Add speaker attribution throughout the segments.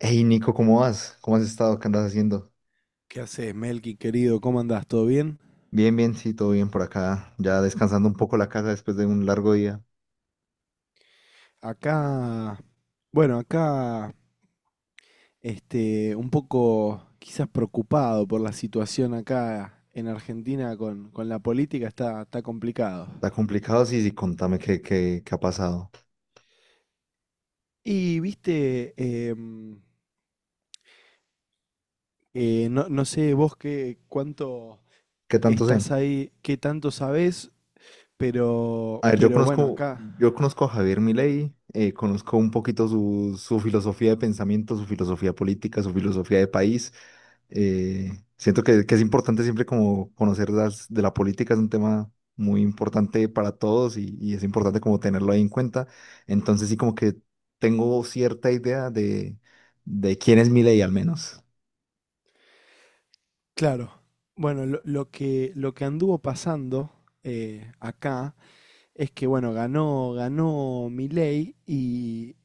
Speaker 1: Hey Nico, ¿cómo vas? ¿Cómo has estado? ¿Qué andas haciendo?
Speaker 2: ¿Qué haces, Melqui, querido? ¿Cómo andás? ¿Todo bien?
Speaker 1: Bien, bien, sí, todo bien por acá. Ya descansando un poco la casa después de un largo día.
Speaker 2: Acá, bueno, acá, un poco quizás preocupado por la situación acá en Argentina con la política, está complicado.
Speaker 1: Está complicado, sí, sí, contame qué ha pasado.
Speaker 2: Y, viste, em, no, no sé vos qué, cuánto
Speaker 1: ¿Qué tanto sé?
Speaker 2: estás ahí, qué tanto sabés,
Speaker 1: A ver, yo
Speaker 2: pero bueno,
Speaker 1: conozco,
Speaker 2: acá,
Speaker 1: yo conozco a Javier Milei, conozco un poquito su filosofía de pensamiento, su filosofía política, su filosofía de país. Eh, siento que es importante siempre como conocer las, de la política, es un tema muy importante para todos y es importante como tenerlo ahí en cuenta. Entonces sí como que tengo cierta idea de quién es Milei al menos,
Speaker 2: claro, bueno, lo que anduvo pasando acá es que, bueno, ganó Milei y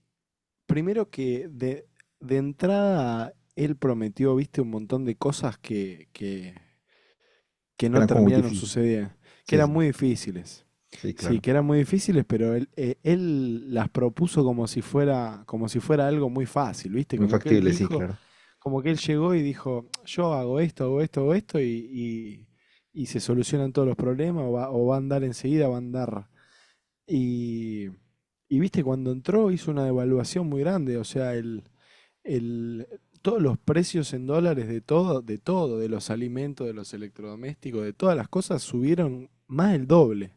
Speaker 2: primero de entrada él prometió, viste, un montón de cosas que
Speaker 1: que
Speaker 2: no
Speaker 1: era como muy
Speaker 2: terminaron
Speaker 1: difícil.
Speaker 2: sucediendo, que
Speaker 1: Sí,
Speaker 2: eran
Speaker 1: sí,
Speaker 2: muy difíciles.
Speaker 1: sí,
Speaker 2: Sí,
Speaker 1: claro.
Speaker 2: que eran muy difíciles, pero él, él las propuso como si fuera algo muy fácil, ¿viste?
Speaker 1: Muy
Speaker 2: Como que él
Speaker 1: factible, sí,
Speaker 2: dijo,
Speaker 1: claro.
Speaker 2: como que él llegó y dijo, yo hago esto, hago esto, hago esto, y- y se solucionan todos los problemas, o va a andar enseguida, va a andar y, y viste, cuando entró hizo una devaluación muy grande, o sea, el, todos los precios en dólares de todo, de todo, de los alimentos, de los electrodomésticos, de todas las cosas, subieron más del doble.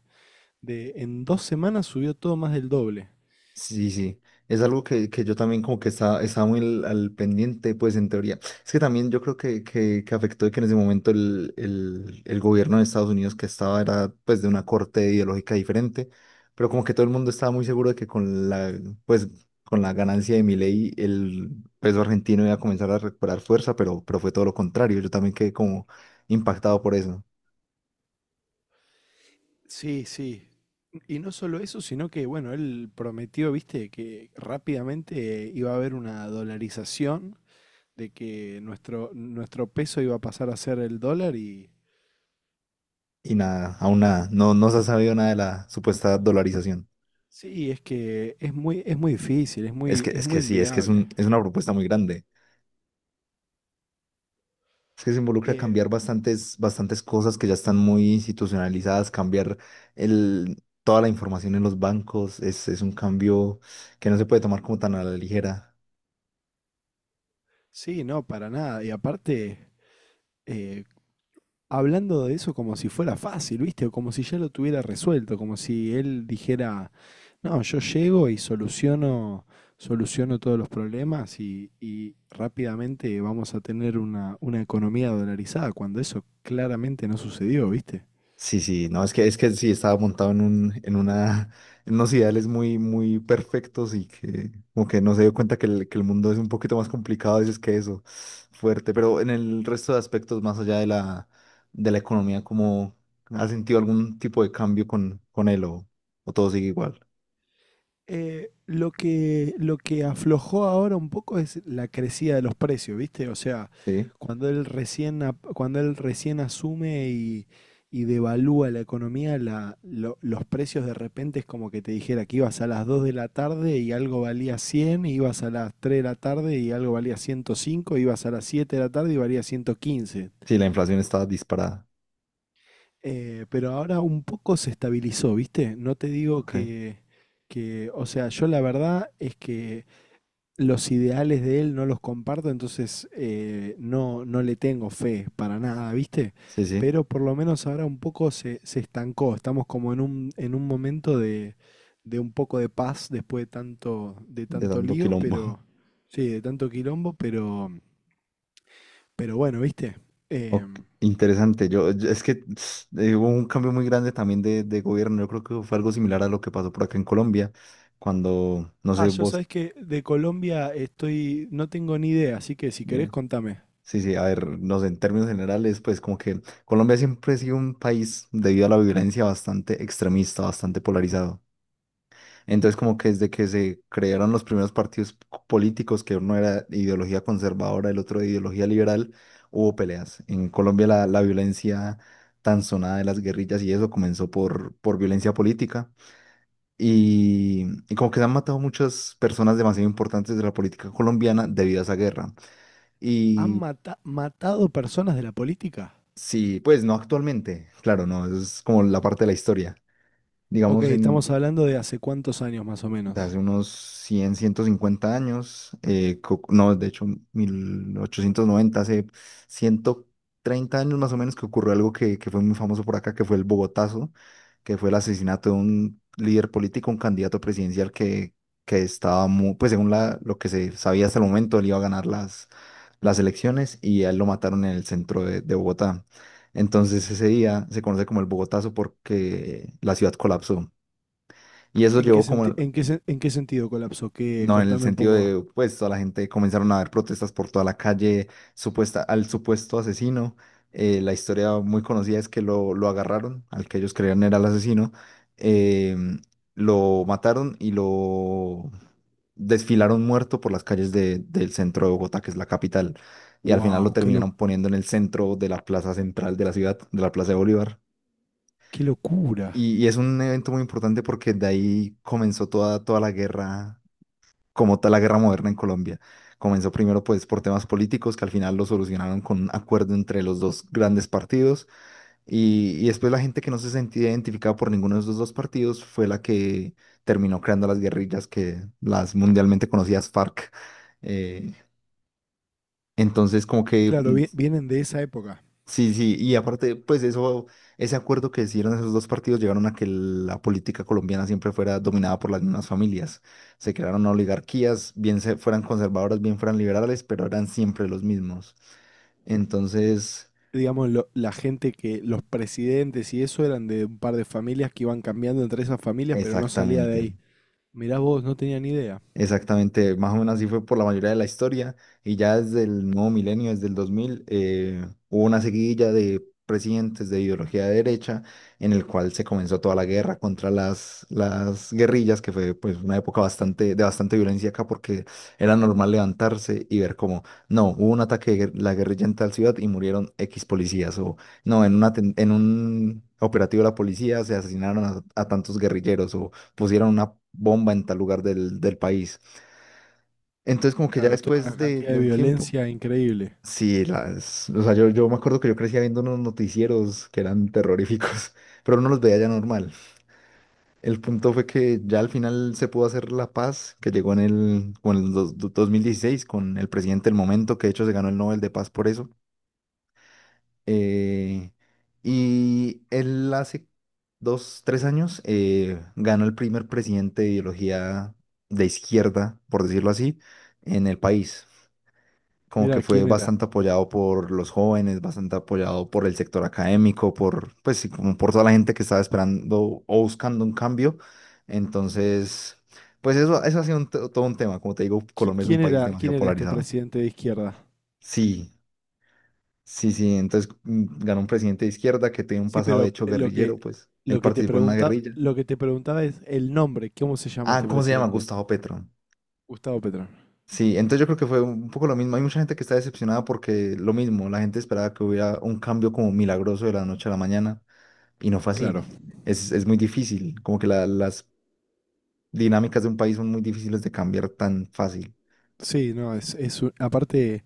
Speaker 2: En dos semanas subió todo más del doble.
Speaker 1: Sí, sí, es algo que yo también como que estaba muy al pendiente, pues en teoría. Es que también yo creo que afectó de que en ese momento el gobierno de Estados Unidos que estaba era pues de una corte ideológica diferente, pero como que todo el mundo estaba muy seguro de que con pues, con la ganancia de Milei el peso argentino iba a comenzar a recuperar fuerza, pero fue todo lo contrario. Yo también quedé como impactado por eso.
Speaker 2: Sí, sí. Y no solo eso, sino que, bueno, él prometió, viste, que rápidamente iba a haber una dolarización, de que nuestro peso iba a pasar a ser el dólar y,
Speaker 1: Y nada, aún nada, no, no se ha sabido nada de la supuesta dolarización.
Speaker 2: sí, es que es muy difícil,
Speaker 1: Es que,
Speaker 2: es
Speaker 1: es que
Speaker 2: muy
Speaker 1: sí, es que
Speaker 2: inviable.
Speaker 1: es una propuesta muy grande. Es que se involucra
Speaker 2: Eh,
Speaker 1: cambiar bastantes cosas que ya están muy institucionalizadas, cambiar toda la información en los bancos. Es un cambio que no se puede tomar como tan a la ligera.
Speaker 2: sí, no, para nada. Y aparte, eh, hablando de eso como si fuera fácil, ¿viste? O como si ya lo tuviera resuelto, como si él dijera, no, yo llego y soluciono, soluciono todos los problemas y rápidamente vamos a tener una economía dolarizada, cuando eso claramente no sucedió, ¿viste?
Speaker 1: Sí, sí, no, es que sí estaba montado en un, en una, en unos ideales muy perfectos y que como que no se dio cuenta que el mundo es un poquito más complicado a veces que eso, fuerte, pero en el resto de aspectos más allá de de la economía, ¿cómo has sentido algún tipo de cambio con él o todo sigue igual?
Speaker 2: Lo que aflojó ahora un poco es la crecida de los precios, ¿viste? O sea,
Speaker 1: Sí,
Speaker 2: cuando él recién asume y devalúa la economía, los precios de repente es como que te dijera que ibas a las 2 de la tarde y algo valía 100 y ibas a las 3 de la tarde y algo valía ciento cinco, ibas a las 7 de la tarde y valía 115.
Speaker 1: sí, la inflación está disparada,
Speaker 2: Pero ahora un poco se estabilizó, ¿viste? No te digo
Speaker 1: ok,
Speaker 2: o sea, yo la verdad es que los ideales de él no los comparto, entonces no, no le tengo fe para nada, ¿viste?
Speaker 1: sí, sí,
Speaker 2: Pero por lo menos ahora un poco se estancó. Estamos como en un momento de un poco de paz después de
Speaker 1: de
Speaker 2: tanto
Speaker 1: dando
Speaker 2: lío,
Speaker 1: quilombo.
Speaker 2: pero sí, de tanto quilombo, pero bueno, ¿viste?
Speaker 1: Ok,
Speaker 2: Em,
Speaker 1: interesante. Es que hubo un cambio muy grande también de gobierno. Yo creo que fue algo similar a lo que pasó por acá en Colombia, cuando, no
Speaker 2: ah,
Speaker 1: sé,
Speaker 2: yo
Speaker 1: vos,
Speaker 2: sabes que de Colombia estoy, no tengo ni idea, así que si querés
Speaker 1: eh,
Speaker 2: contame.
Speaker 1: sí, sí, a ver, no sé, en términos generales, pues como que Colombia siempre ha sido un país debido a la violencia bastante extremista, bastante polarizado. Entonces, como que desde que se crearon los primeros partidos políticos, que uno era de ideología conservadora, el otro de ideología liberal, hubo peleas. En Colombia la violencia tan sonada de las guerrillas y eso comenzó por violencia política. Y como que se han matado muchas personas demasiado importantes de la política colombiana debido a esa guerra.
Speaker 2: ¿Han
Speaker 1: Y
Speaker 2: matado personas de la política?
Speaker 1: sí, pues no actualmente, claro, no, eso es como la parte de la historia.
Speaker 2: Ok,
Speaker 1: Digamos,
Speaker 2: estamos hablando de hace cuántos años más o
Speaker 1: de
Speaker 2: menos.
Speaker 1: hace unos 150 años, no, de hecho 1890 hace 130 años más o menos que ocurrió algo que fue muy famoso por acá, que fue el Bogotazo, que fue el asesinato de un líder político, un candidato presidencial que estaba muy, pues según lo que se sabía hasta el momento, él iba a ganar las elecciones y a él lo mataron en el centro de Bogotá. Entonces ese día se conoce como el Bogotazo porque la ciudad colapsó. Y eso
Speaker 2: ¿En qué
Speaker 1: llevó
Speaker 2: senti-
Speaker 1: como
Speaker 2: en qué sen- en qué sentido colapsó? Que
Speaker 1: no, en el
Speaker 2: contame un
Speaker 1: sentido
Speaker 2: poco.
Speaker 1: de, pues, toda la gente comenzaron a ver protestas por toda la calle supuesta, al supuesto asesino. La historia muy conocida es que lo agarraron, al que ellos creían era el asesino. em, lo mataron y lo desfilaron muerto por las calles del centro de Bogotá, que es la capital. Y al final lo
Speaker 2: Wow, qué lo-
Speaker 1: terminaron poniendo en el centro de la plaza central de la ciudad, de la Plaza de Bolívar.
Speaker 2: qué locura.
Speaker 1: Y es un evento muy importante porque de ahí comenzó toda la guerra como tal la guerra moderna en Colombia. Comenzó primero pues por temas políticos que al final lo solucionaron con un acuerdo entre los dos grandes partidos y después la gente que no se sentía identificada por ninguno de esos dos partidos fue la que terminó creando las guerrillas que las mundialmente conocidas FARC. Eh, entonces como que
Speaker 2: Claro, vienen de esa época.
Speaker 1: sí, sí, y aparte, pues eso, ese acuerdo que hicieron esos dos partidos llegaron a que la política colombiana siempre fuera dominada por las mismas familias. Se crearon oligarquías, bien fueran conservadoras, bien fueran liberales, pero eran siempre los mismos. Entonces,
Speaker 2: Digamos, la gente que, los presidentes y eso eran de un par de familias que iban cambiando entre esas familias, pero no salía de
Speaker 1: exactamente.
Speaker 2: ahí. Mirá vos, no tenía ni idea.
Speaker 1: Exactamente, más o menos así fue por la mayoría de la historia y ya desde el nuevo milenio, desde el 2000, hubo una seguidilla de presidentes de ideología de derecha en el cual se comenzó toda la guerra contra las guerrillas, que fue pues una época bastante, de bastante violencia acá porque era normal levantarse y ver como, no, hubo un ataque de la guerrilla en tal ciudad y murieron X policías o no, en un operativo de la policía se asesinaron a tantos guerrilleros pusieran una bomba en tal lugar del país. Entonces, como que ya
Speaker 2: Claro, toda una
Speaker 1: después de,
Speaker 2: cantidad
Speaker 1: de
Speaker 2: de
Speaker 1: un tiempo,
Speaker 2: violencia increíble.
Speaker 1: sí, o sea, yo me acuerdo que yo crecía viendo unos noticieros que eran terroríficos, pero no los veía ya normal. El punto fue que ya al final se pudo hacer la paz que llegó con el 2016 con el presidente del momento, que de hecho se ganó el Nobel de Paz por eso. Eh, y él hace dos, tres años ganó el primer presidente de ideología de izquierda, por decirlo así, en el país. Como que
Speaker 2: Mirá,
Speaker 1: fue
Speaker 2: ¿quién era?
Speaker 1: bastante apoyado por los jóvenes, bastante apoyado por el sector académico, por, pues sí, como por toda la gente que estaba esperando o buscando un cambio. Entonces, pues eso ha sido todo un tema. Como te digo,
Speaker 2: Qui-
Speaker 1: Colombia es un
Speaker 2: ¿Quién
Speaker 1: país
Speaker 2: era, quién
Speaker 1: demasiado
Speaker 2: era este
Speaker 1: polarizado.
Speaker 2: presidente de izquierda?
Speaker 1: Sí. Sí, sí, entonces ganó un presidente de izquierda que tenía un
Speaker 2: Sí,
Speaker 1: pasado de
Speaker 2: pero
Speaker 1: hecho guerrillero, pues él
Speaker 2: lo que te
Speaker 1: participó en una
Speaker 2: pregunta,
Speaker 1: guerrilla.
Speaker 2: lo que te preguntaba es el nombre, ¿cómo se llama
Speaker 1: Ah,
Speaker 2: este
Speaker 1: ¿cómo se llama?
Speaker 2: presidente?
Speaker 1: Gustavo Petro.
Speaker 2: Gustavo Petro.
Speaker 1: Sí, entonces yo creo que fue un poco lo mismo. Hay mucha gente que está decepcionada porque lo mismo, la gente esperaba que hubiera un cambio como milagroso de la noche a la mañana y no fue así.
Speaker 2: Claro.
Speaker 1: Es muy difícil, como que las dinámicas de un país son muy difíciles de cambiar tan fácil.
Speaker 2: Sí, no, es un- aparte,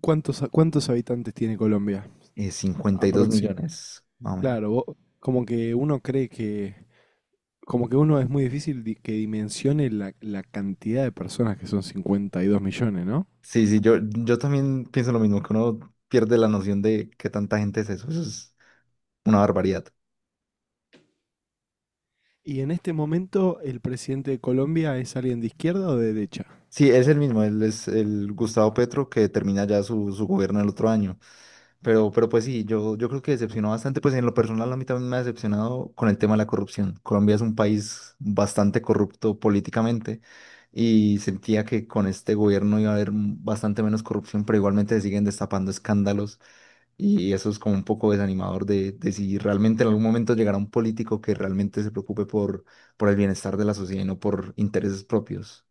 Speaker 2: cuántos habitantes tiene Colombia?
Speaker 1: 52
Speaker 2: Aproxim.
Speaker 1: millones, más o menos.
Speaker 2: Claro, como que uno cree que, como que uno es muy difícil que dimensione la, la cantidad de personas que son 52 millones, ¿no?
Speaker 1: Sí, sí, yo también pienso lo mismo, que uno pierde la noción de qué tanta gente es eso. Eso es una barbaridad.
Speaker 2: Y en este momento, ¿el presidente de Colombia es alguien de izquierda o de derecha?
Speaker 1: Sí, es el mismo, él es el Gustavo Petro que termina ya su gobierno el otro año. Pero pues sí, yo creo que decepcionó bastante, pues en lo personal a mí también me ha decepcionado con el tema de la corrupción. Colombia es un país bastante corrupto políticamente y sentía que con este gobierno iba a haber bastante menos corrupción, pero igualmente se siguen destapando escándalos y eso es como un poco desanimador de si realmente en algún momento llegará un político que realmente se preocupe por el bienestar de la sociedad y no por intereses propios.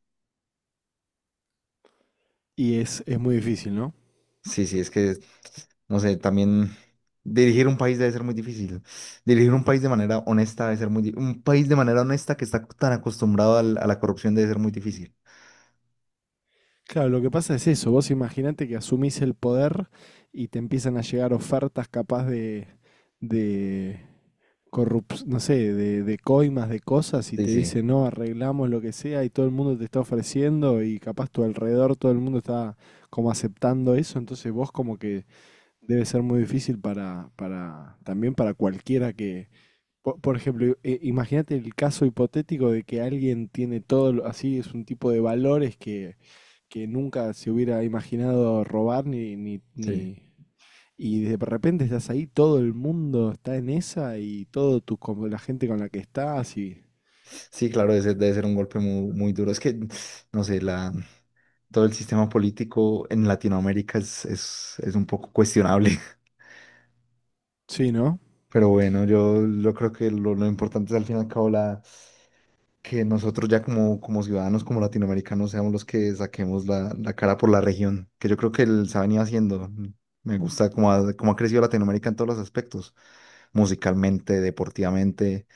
Speaker 2: Y es muy difícil, ¿no?
Speaker 1: Sí, sí, es que, no sé, también dirigir un país debe ser muy difícil. Dirigir un país de manera honesta debe ser muy difícil. Un país de manera honesta que está tan acostumbrado a la corrupción debe ser muy difícil.
Speaker 2: Claro, lo que pasa es eso, vos imaginate que asumís el poder y te empiezan a llegar ofertas capaz de no sé, de coimas, de cosas, y
Speaker 1: Sí,
Speaker 2: te
Speaker 1: sí,
Speaker 2: dicen, no, arreglamos lo que sea, y todo el mundo te está ofreciendo, y capaz tu alrededor todo el mundo está como aceptando eso, entonces vos como que debe ser muy difícil para, también para cualquiera que, por ejemplo, imagínate el caso hipotético de que alguien tiene todo, así es un tipo de valores que nunca se hubiera imaginado robar
Speaker 1: sí.
Speaker 2: y de repente estás ahí, todo el mundo está en esa y todo tu, como la gente con la que estás y...
Speaker 1: Sí, claro, ese debe ser un golpe muy, muy duro. Es que, no sé, todo el sistema político en Latinoamérica es un poco cuestionable.
Speaker 2: Sí, ¿no?
Speaker 1: Pero bueno, yo creo que lo importante es al fin y al cabo que nosotros ya como ciudadanos, como latinoamericanos, seamos los que saquemos la cara por la región, que yo creo que él se ha venido haciendo. Me gusta cómo ha crecido Latinoamérica en todos los aspectos, musicalmente, deportivamente,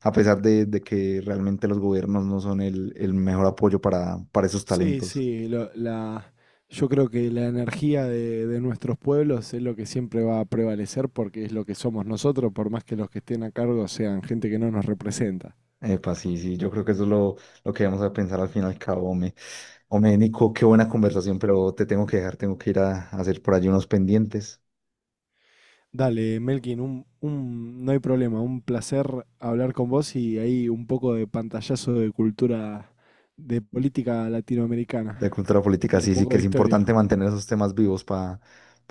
Speaker 1: a pesar de que realmente los gobiernos no son el mejor apoyo para esos talentos.
Speaker 2: La, yo creo que la energía de nuestros pueblos es lo que siempre va a prevalecer porque es lo que somos nosotros, por más que los que estén a cargo sean gente que no nos representa.
Speaker 1: Epa, sí, sí, yo creo que eso es lo que vamos a pensar al fin y al cabo, hombre. Hombre, Nico, qué buena conversación, pero te tengo que dejar, tengo que ir a hacer por allí unos pendientes.
Speaker 2: Dale, Melkin, no hay problema, un placer hablar con vos y ahí un poco de pantallazo de cultura, de política latinoamericana
Speaker 1: De cultura política,
Speaker 2: y un
Speaker 1: sí, sí
Speaker 2: poco
Speaker 1: que
Speaker 2: de
Speaker 1: es
Speaker 2: historia.
Speaker 1: importante mantener esos temas vivos para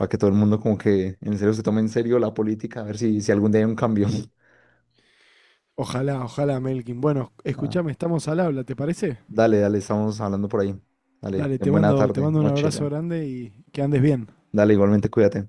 Speaker 1: que todo el mundo como que en serio se tome en serio la política, a ver si algún día hay un cambio.
Speaker 2: Ojalá, ojalá, Melkin. Bueno,
Speaker 1: Ah,
Speaker 2: escuchame, estamos al habla, ¿te parece?
Speaker 1: dale, dale, estamos hablando por ahí. Dale,
Speaker 2: Dale,
Speaker 1: ten buena
Speaker 2: te
Speaker 1: tarde,
Speaker 2: mando un
Speaker 1: noche
Speaker 2: abrazo
Speaker 1: ya.
Speaker 2: grande y que andes bien.
Speaker 1: Dale, igualmente cuídate.